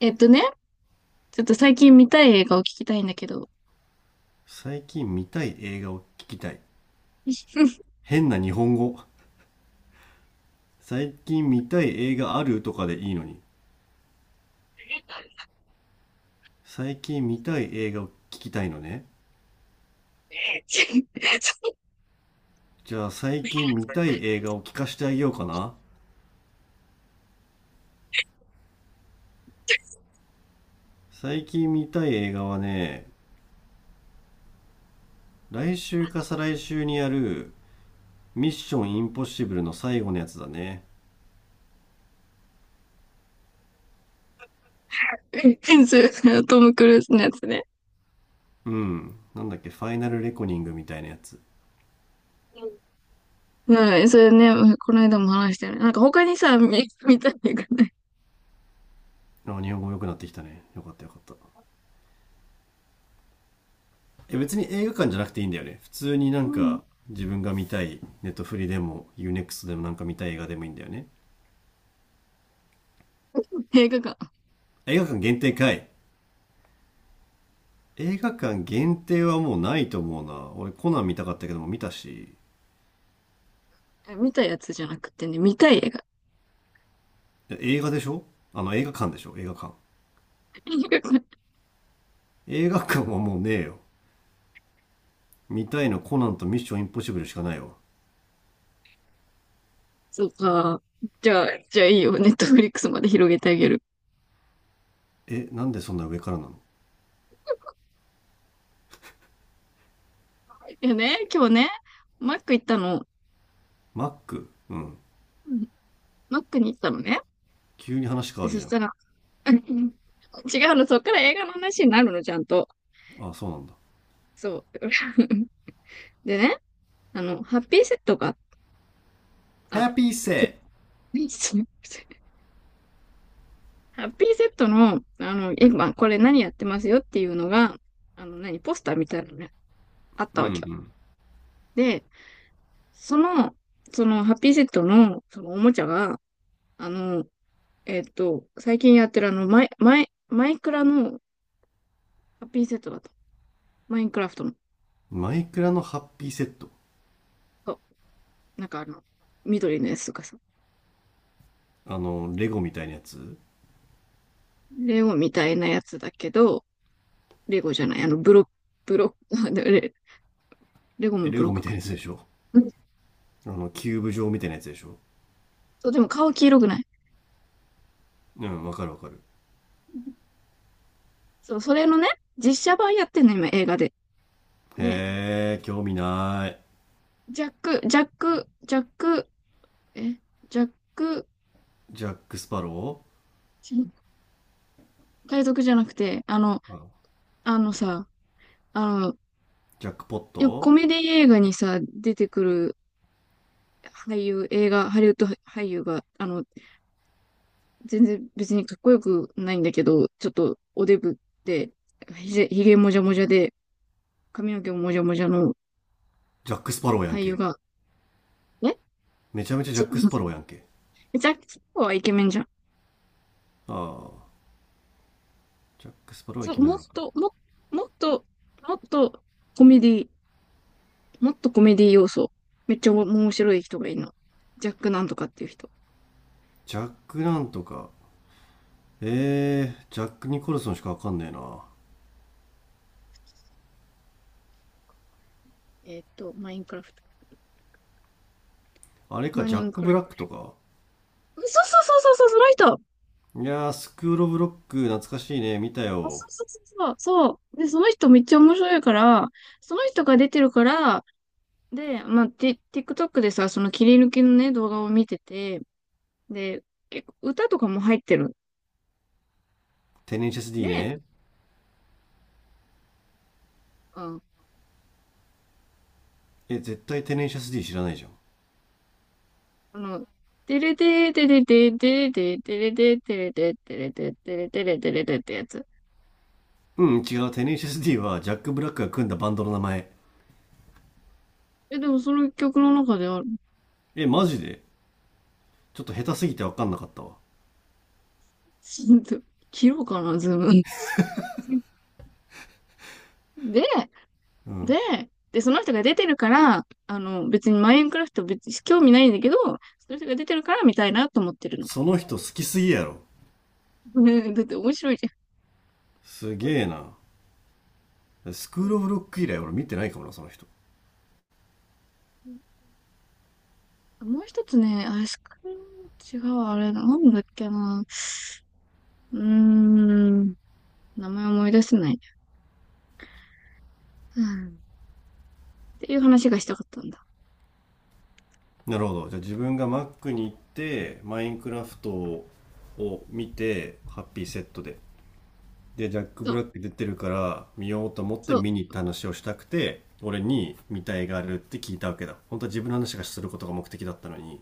えっとね、ちょっと最近見たい映画を聞きたいんだけど。最近見たい映画を聞きたい。変な日本語。最近見たい映画あるとかでいいのに。最近見たい映画を聞きたいのね。じゃあ最近見たい映画を聞かしてあげようかな。最近見たい映画はね、来週か再来週にやるミッションインポッシブルの最後のやつだね。それトム・クルーズのやつね。うん。なんだっけ、ファイナルレコニングみたいなやつ。うん、それね、この間も話したよね。なんか他にさ、見たい映画ね。あ、日本語良くなってきたね。よかったよかった。え、別に映画館じゃなくていいんだよね、普通になうんん、か自分が見たいネットフリでもユーネクストでもなんか見たい映画でもいいんだよね。映画が、映画館限定かい。映画館限定はもうないと思うな。俺コナン見たかったけども見たし。見たやつじゃなくてね、見たい映画。映画でしょ。あの、映画館でしょ、映画館。 映画館。映画館はもうねえよ。見たいのコナンとミッションインポッシブルしかないよ。そうか。じゃあ、いいよ。ネットフリックスまで広げてあげる。え、なんでそんな上からなの。いやね、今日ね、マック行ったの。マック、うん。うん。マックに行ったのね。急に話変で、わるそじしゃん。たら、違うの、そっから映画の話になるの、ちゃんと。あ、そうなんだ。そう。でね、ハッピーセットが、ハあの、ッピーちょセッ何質問？ハッピーセットの、まあ、これ何やってますよっていうのが、ポスターみたいなのがト、あったうんうわけよ。ん。で、その、その、ハッピーセットの、おもちゃが、あの、最近やってるマイクラのハッピーセットだと。マインクラフトの。マイクラのハッピーセット、そう。なんか緑のやつとかさ。あの、レゴみたいなやつ。レゴみたいなやつだけど、レゴじゃない、ブロック、レゴもえ、レブロッゴみクたいか。なやつでしょ。あの、キューブ状みたいなやつでしょ。そう、でも顔黄色くない。うん、わかるわかる。そう、それのね、実写版やってんの、今、映画で。で、へえ、興味ない。ジャック、ジャック、ジャック、え、ジャック、ジャック・スパロ海賊じゃなくて、あの、ー、あ、あのさ、あの、ジャックポッよくコト、メディ映画にさ、出てくる俳優、映画、ハリウッド俳優が、全然別にかっこよくないんだけど、ちょっとおデブで、ひげもじゃもじゃで、髪の毛ももじゃもじゃのジャック・スパローや俳ん優け。が、えめちゃめちゃジ違ャック・いスまパす。 ローやんけ。ジャック・スパロウはイケメンじゃん。ああ、ジャック・スパローはイそう、ケメンなのかな。もっと、もっとコメディ、もっとコメディ要素。めっちゃ面白い人がいるの。ジャックなんとかっていう人。ジャックなんとか。えー、ジャック・ニコルソンしかわかんねえな。マインクラフト。あれか、マジイャッンク・クラブラッフクとか。ト。そうそうそうそうそう、その人。いやー、スクール・オブ・ロック懐かしいね。見たあ、そよ。うそうそうそう。そうで、その人めっちゃ面白いから、その人が出てるから、で、まあ、TikTok でさ、その切り抜きのね、動画を見てて、で、結構歌とかも入ってる。テネシャス D で、ね。うん、え、絶対テネシャス D 知らないじゃん。あの、てれてーてれてーてれてーてれてーてれてーてれてーてれてーてれてーてれてーってやつ。うん、違う。テネシス D はジャック・ブラックが組んだバンドの名前。でもその曲の中である。え、マジで。ちょっと下手すぎて分かんなかったわ。切ろうかな、ズーム。で、うん。で、その人が出てるから、別にマインクラフト別に興味ないんだけど、その人が出てるから見たいなと思ってるの。その人好きすぎやろ。ねだって面白いじすゃげん。えな。スクール・オブ・ロック以来俺見てないかもな、その人。もう一つね、アイスクリーム、違う、あれ、なんだっけな。うーん、名前思い出せない。うんっていう話がしたかったんだ。なるほど。じゃあ自分が Mac に行って、マインクラフトを見て、ハッピーセットで、で、ジャック・そブラう。ック出てるから見ようと思ってそ見に行った話をしたくて、俺に見たいがあるって聞いたわけだ。本当は自分の話がすることが目的だったのに。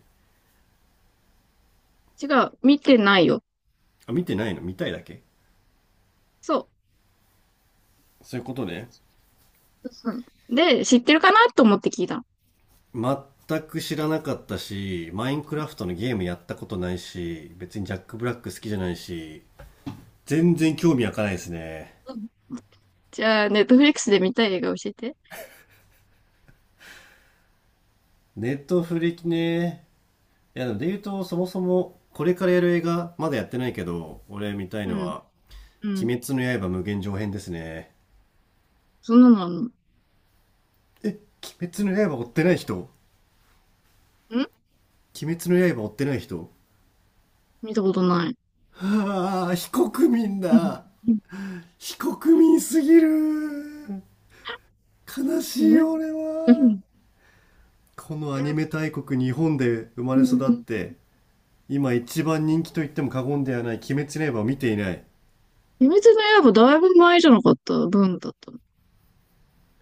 う。違う。見てないよ。あ、見てないの、見たいだけ、そそういうことね。う。うん。で、知ってるかなと思って聞いたの。全く知らなかったし、マインクラフトのゲームやったことないし、別にジャック・ブラック好きじゃないし、全然興味湧かないですね。うん。じゃあ、ネットフリックスで見たい映画教えて。ネットフリね。いや、でも言うと、そもそも、これからやる映画、まだやってないけど、俺見たいうのん。は、うん。鬼滅の刃無限上編ですね。そんなのあんのん？え、鬼滅の刃追ってない人。鬼滅の刃追ってない人見たことない。はあ、非国民うん。だ。うん。非国民すぎる。悲え。しいうよ俺は。ん。このアニメう大国日本で生まれん。育うっん。て今一番人気と言っても過言ではない「鬼滅の刃」を見ていない。秘密の刃だいぶ前じゃなかった分だったの？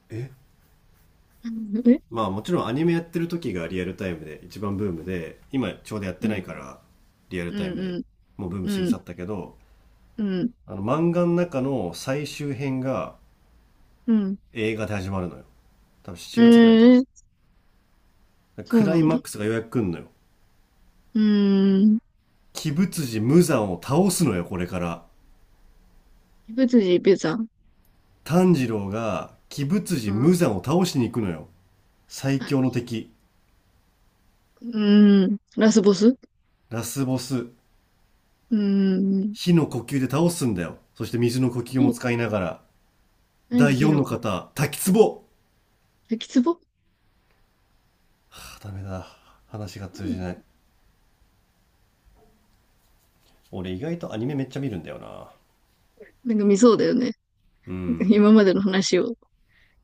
え、うん。え。まあもちろんアニメやってる時がリアルタイムで一番ブームで今ちょうどやっうてないかん。ら、リアルうタイん。ムでうん。もうブーム過ぎう去ん。ったけど、うん。あの漫画の中の最終編がうん。映画で始まるのよ。多分え7月ぐらいかえー、な。そクうラなイんマだ。ックスがようやく来んのよ。うーん。鬼舞辻無惨を倒すのよこれから。別人別さん。炭治郎が鬼舞辻うん。は無惨を倒しに行くのよ。最強のい。敵、うーん。ラスボス。うラスボス、ーん。火の呼吸で倒すんだよ。そして水の呼吸もい使いながら。何、第火4のの粉？方、滝壺。滝壺。はあ、ダメだ。話が通じない。俺意外とアニメめっちゃ見るんだよな。なんか見そうだよね。うん。今までの話を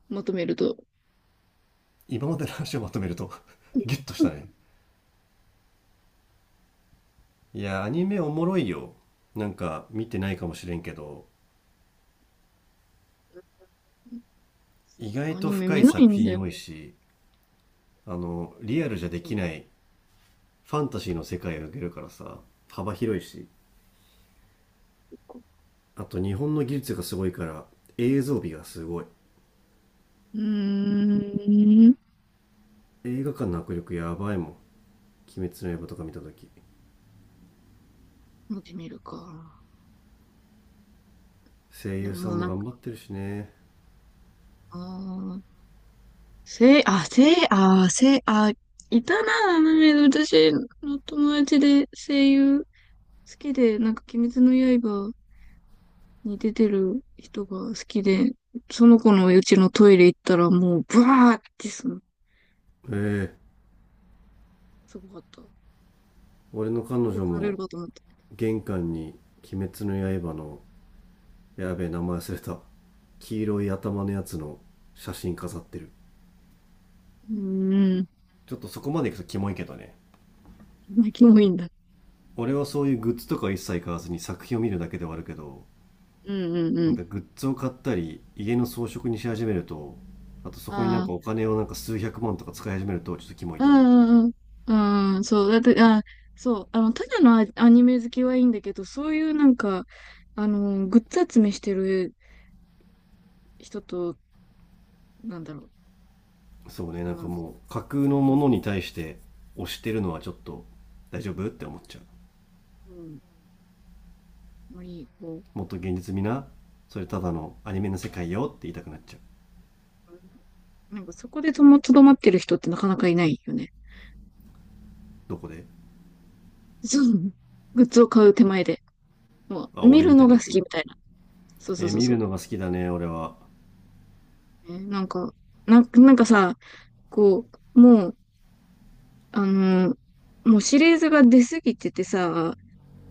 まとめると。今までの話をまとめると、うん。 ギュッとしたね。いや、アニメおもろいよ。なんか見てないかもしれんけど、意ア外とニメ深見いない作んだ品よ。多いし、リアルじゃできないファンタジーの世界を描けるからさ、幅広いし、あと日本の技術がすごいから映像美がすごい。うーん。映画館の迫力やばいもん、鬼滅の刃とか見たとき。見てみるか。声で優もさもんうもなん頑張っか、てるしね。あー、せい、あ、せい、あー、せい、あー、いたな、アニメで私の友達で声優好きで、なんか、鬼滅の刃に出てる人が好きで、その子のうちのトイレ行ったらもう、ブワーってええ、すごかった。俺の彼殺女されるもかと思った。玄関に鬼滅の刃の、やべえ名前忘れた、黄色い頭のやつの写真飾ってる。うーん。ちょっとそこまで行くとキモいけどね。まあ、もいいんだ。俺はそういうグッズとか一切買わずに作品を見るだけではあるけど、うん。うん。うなんん。かグッズを買ったり家の装飾にし始めると、あとそこになんあかお金をなんか数百万とか使い始めるとちょっとキモいあ、うと思う。ん。うん。うん。うん、そう。だって、あ、そう。ただのアニメ好きはいいんだけど、そういうなんか、グッズ集めしてる人と、なんだろそうね、う。なんまあ、かもう架空のうもん、のに対して推してるのはちょっと大丈夫って思っちゃう。うん、まあいい、もっと現実味な、それただのアニメの世界よって言いたくなっちゃう。うん、なんかそこでとどまってる人ってなかなかいないよね。どこで。そう。グッズを買う手前で。もあ、う、見俺るみたのいがな好こと。きみたいな。そうそうえー、そう見そるう。のが好きだね俺は。なんか、なんかさ、こう、もう、あのーもうシリーズが出すぎててさ、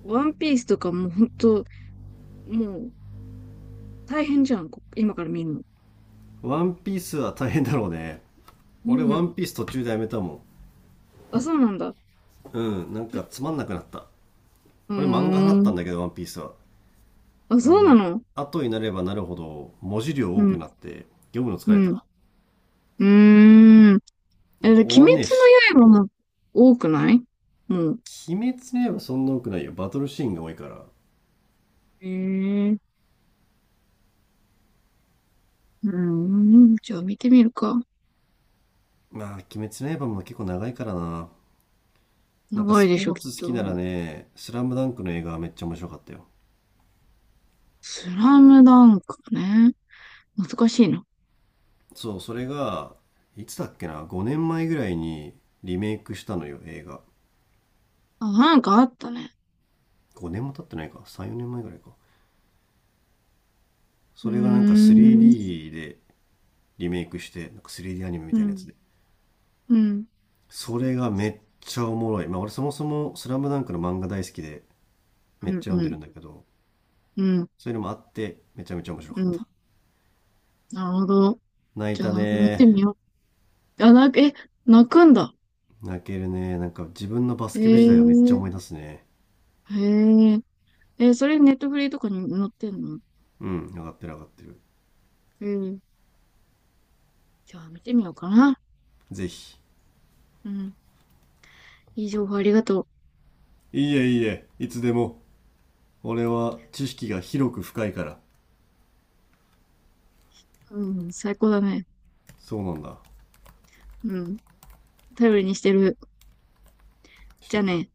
ワンピースとかもうほんと、もう大変じゃん、今から見るの。ワンピースは大変だろうね。う俺ワンん。ピース途中でやめたもあ、そうなんだ。ん。うん、なんかつまんなくなった。うー俺漫画派だったん。んだけどワンピースは、あ、あそうなのの。後になればなるほど文字量う多くん、なって読むの疲うれん。た。うーん。ほえ、んとで鬼終滅わんねえし。の刃も多くないもう？鬼滅の刃そんな多くないよ。バトルシーンが多いから。えー、うーん。じゃあ見てみるか。まあ、鬼滅の刃も結構長いからな。なんか長スいでポしょ、ーきっツ好きと。ならね、スラムダンクの映画はめっちゃ面白かったよ。スラムダンクね。難しいな。そう、それが、いつだっけな、5年前ぐらいにリメイクしたのよ、映画。あ、なんかあったね。5年も経ってないか、3、4年前ぐらいか。うーそれがなんか ん。3D でリメイクして、なんか 3D アニメみうたいなやん。つで。うん。それがめっちゃおもろい。まあ俺そもそもスラムダンクの漫画大好きでうめっちゃん。読うんでん。るんだけど、うん。そういうのもあってめちゃめちゃ面白うかっん。た。なるほど。泣いじゃあ、たなくなっね。てみよう。あ、泣くんだ。泣けるね。なんか自分のバへスケ部時代はめっちゃえ。思い出すね。へえ。え、それネットフリーとかに載ってんの？うん、上がってる上がってる。ええ。じゃあ、見てみようかな。ぜひ。うん。いい情報ありがといいえいいえ、いつでも。俺は知識が広く深いから。う。うん。最高だね。そうなんだ。うん。頼りにしてる。しじてゃあくれ。ね。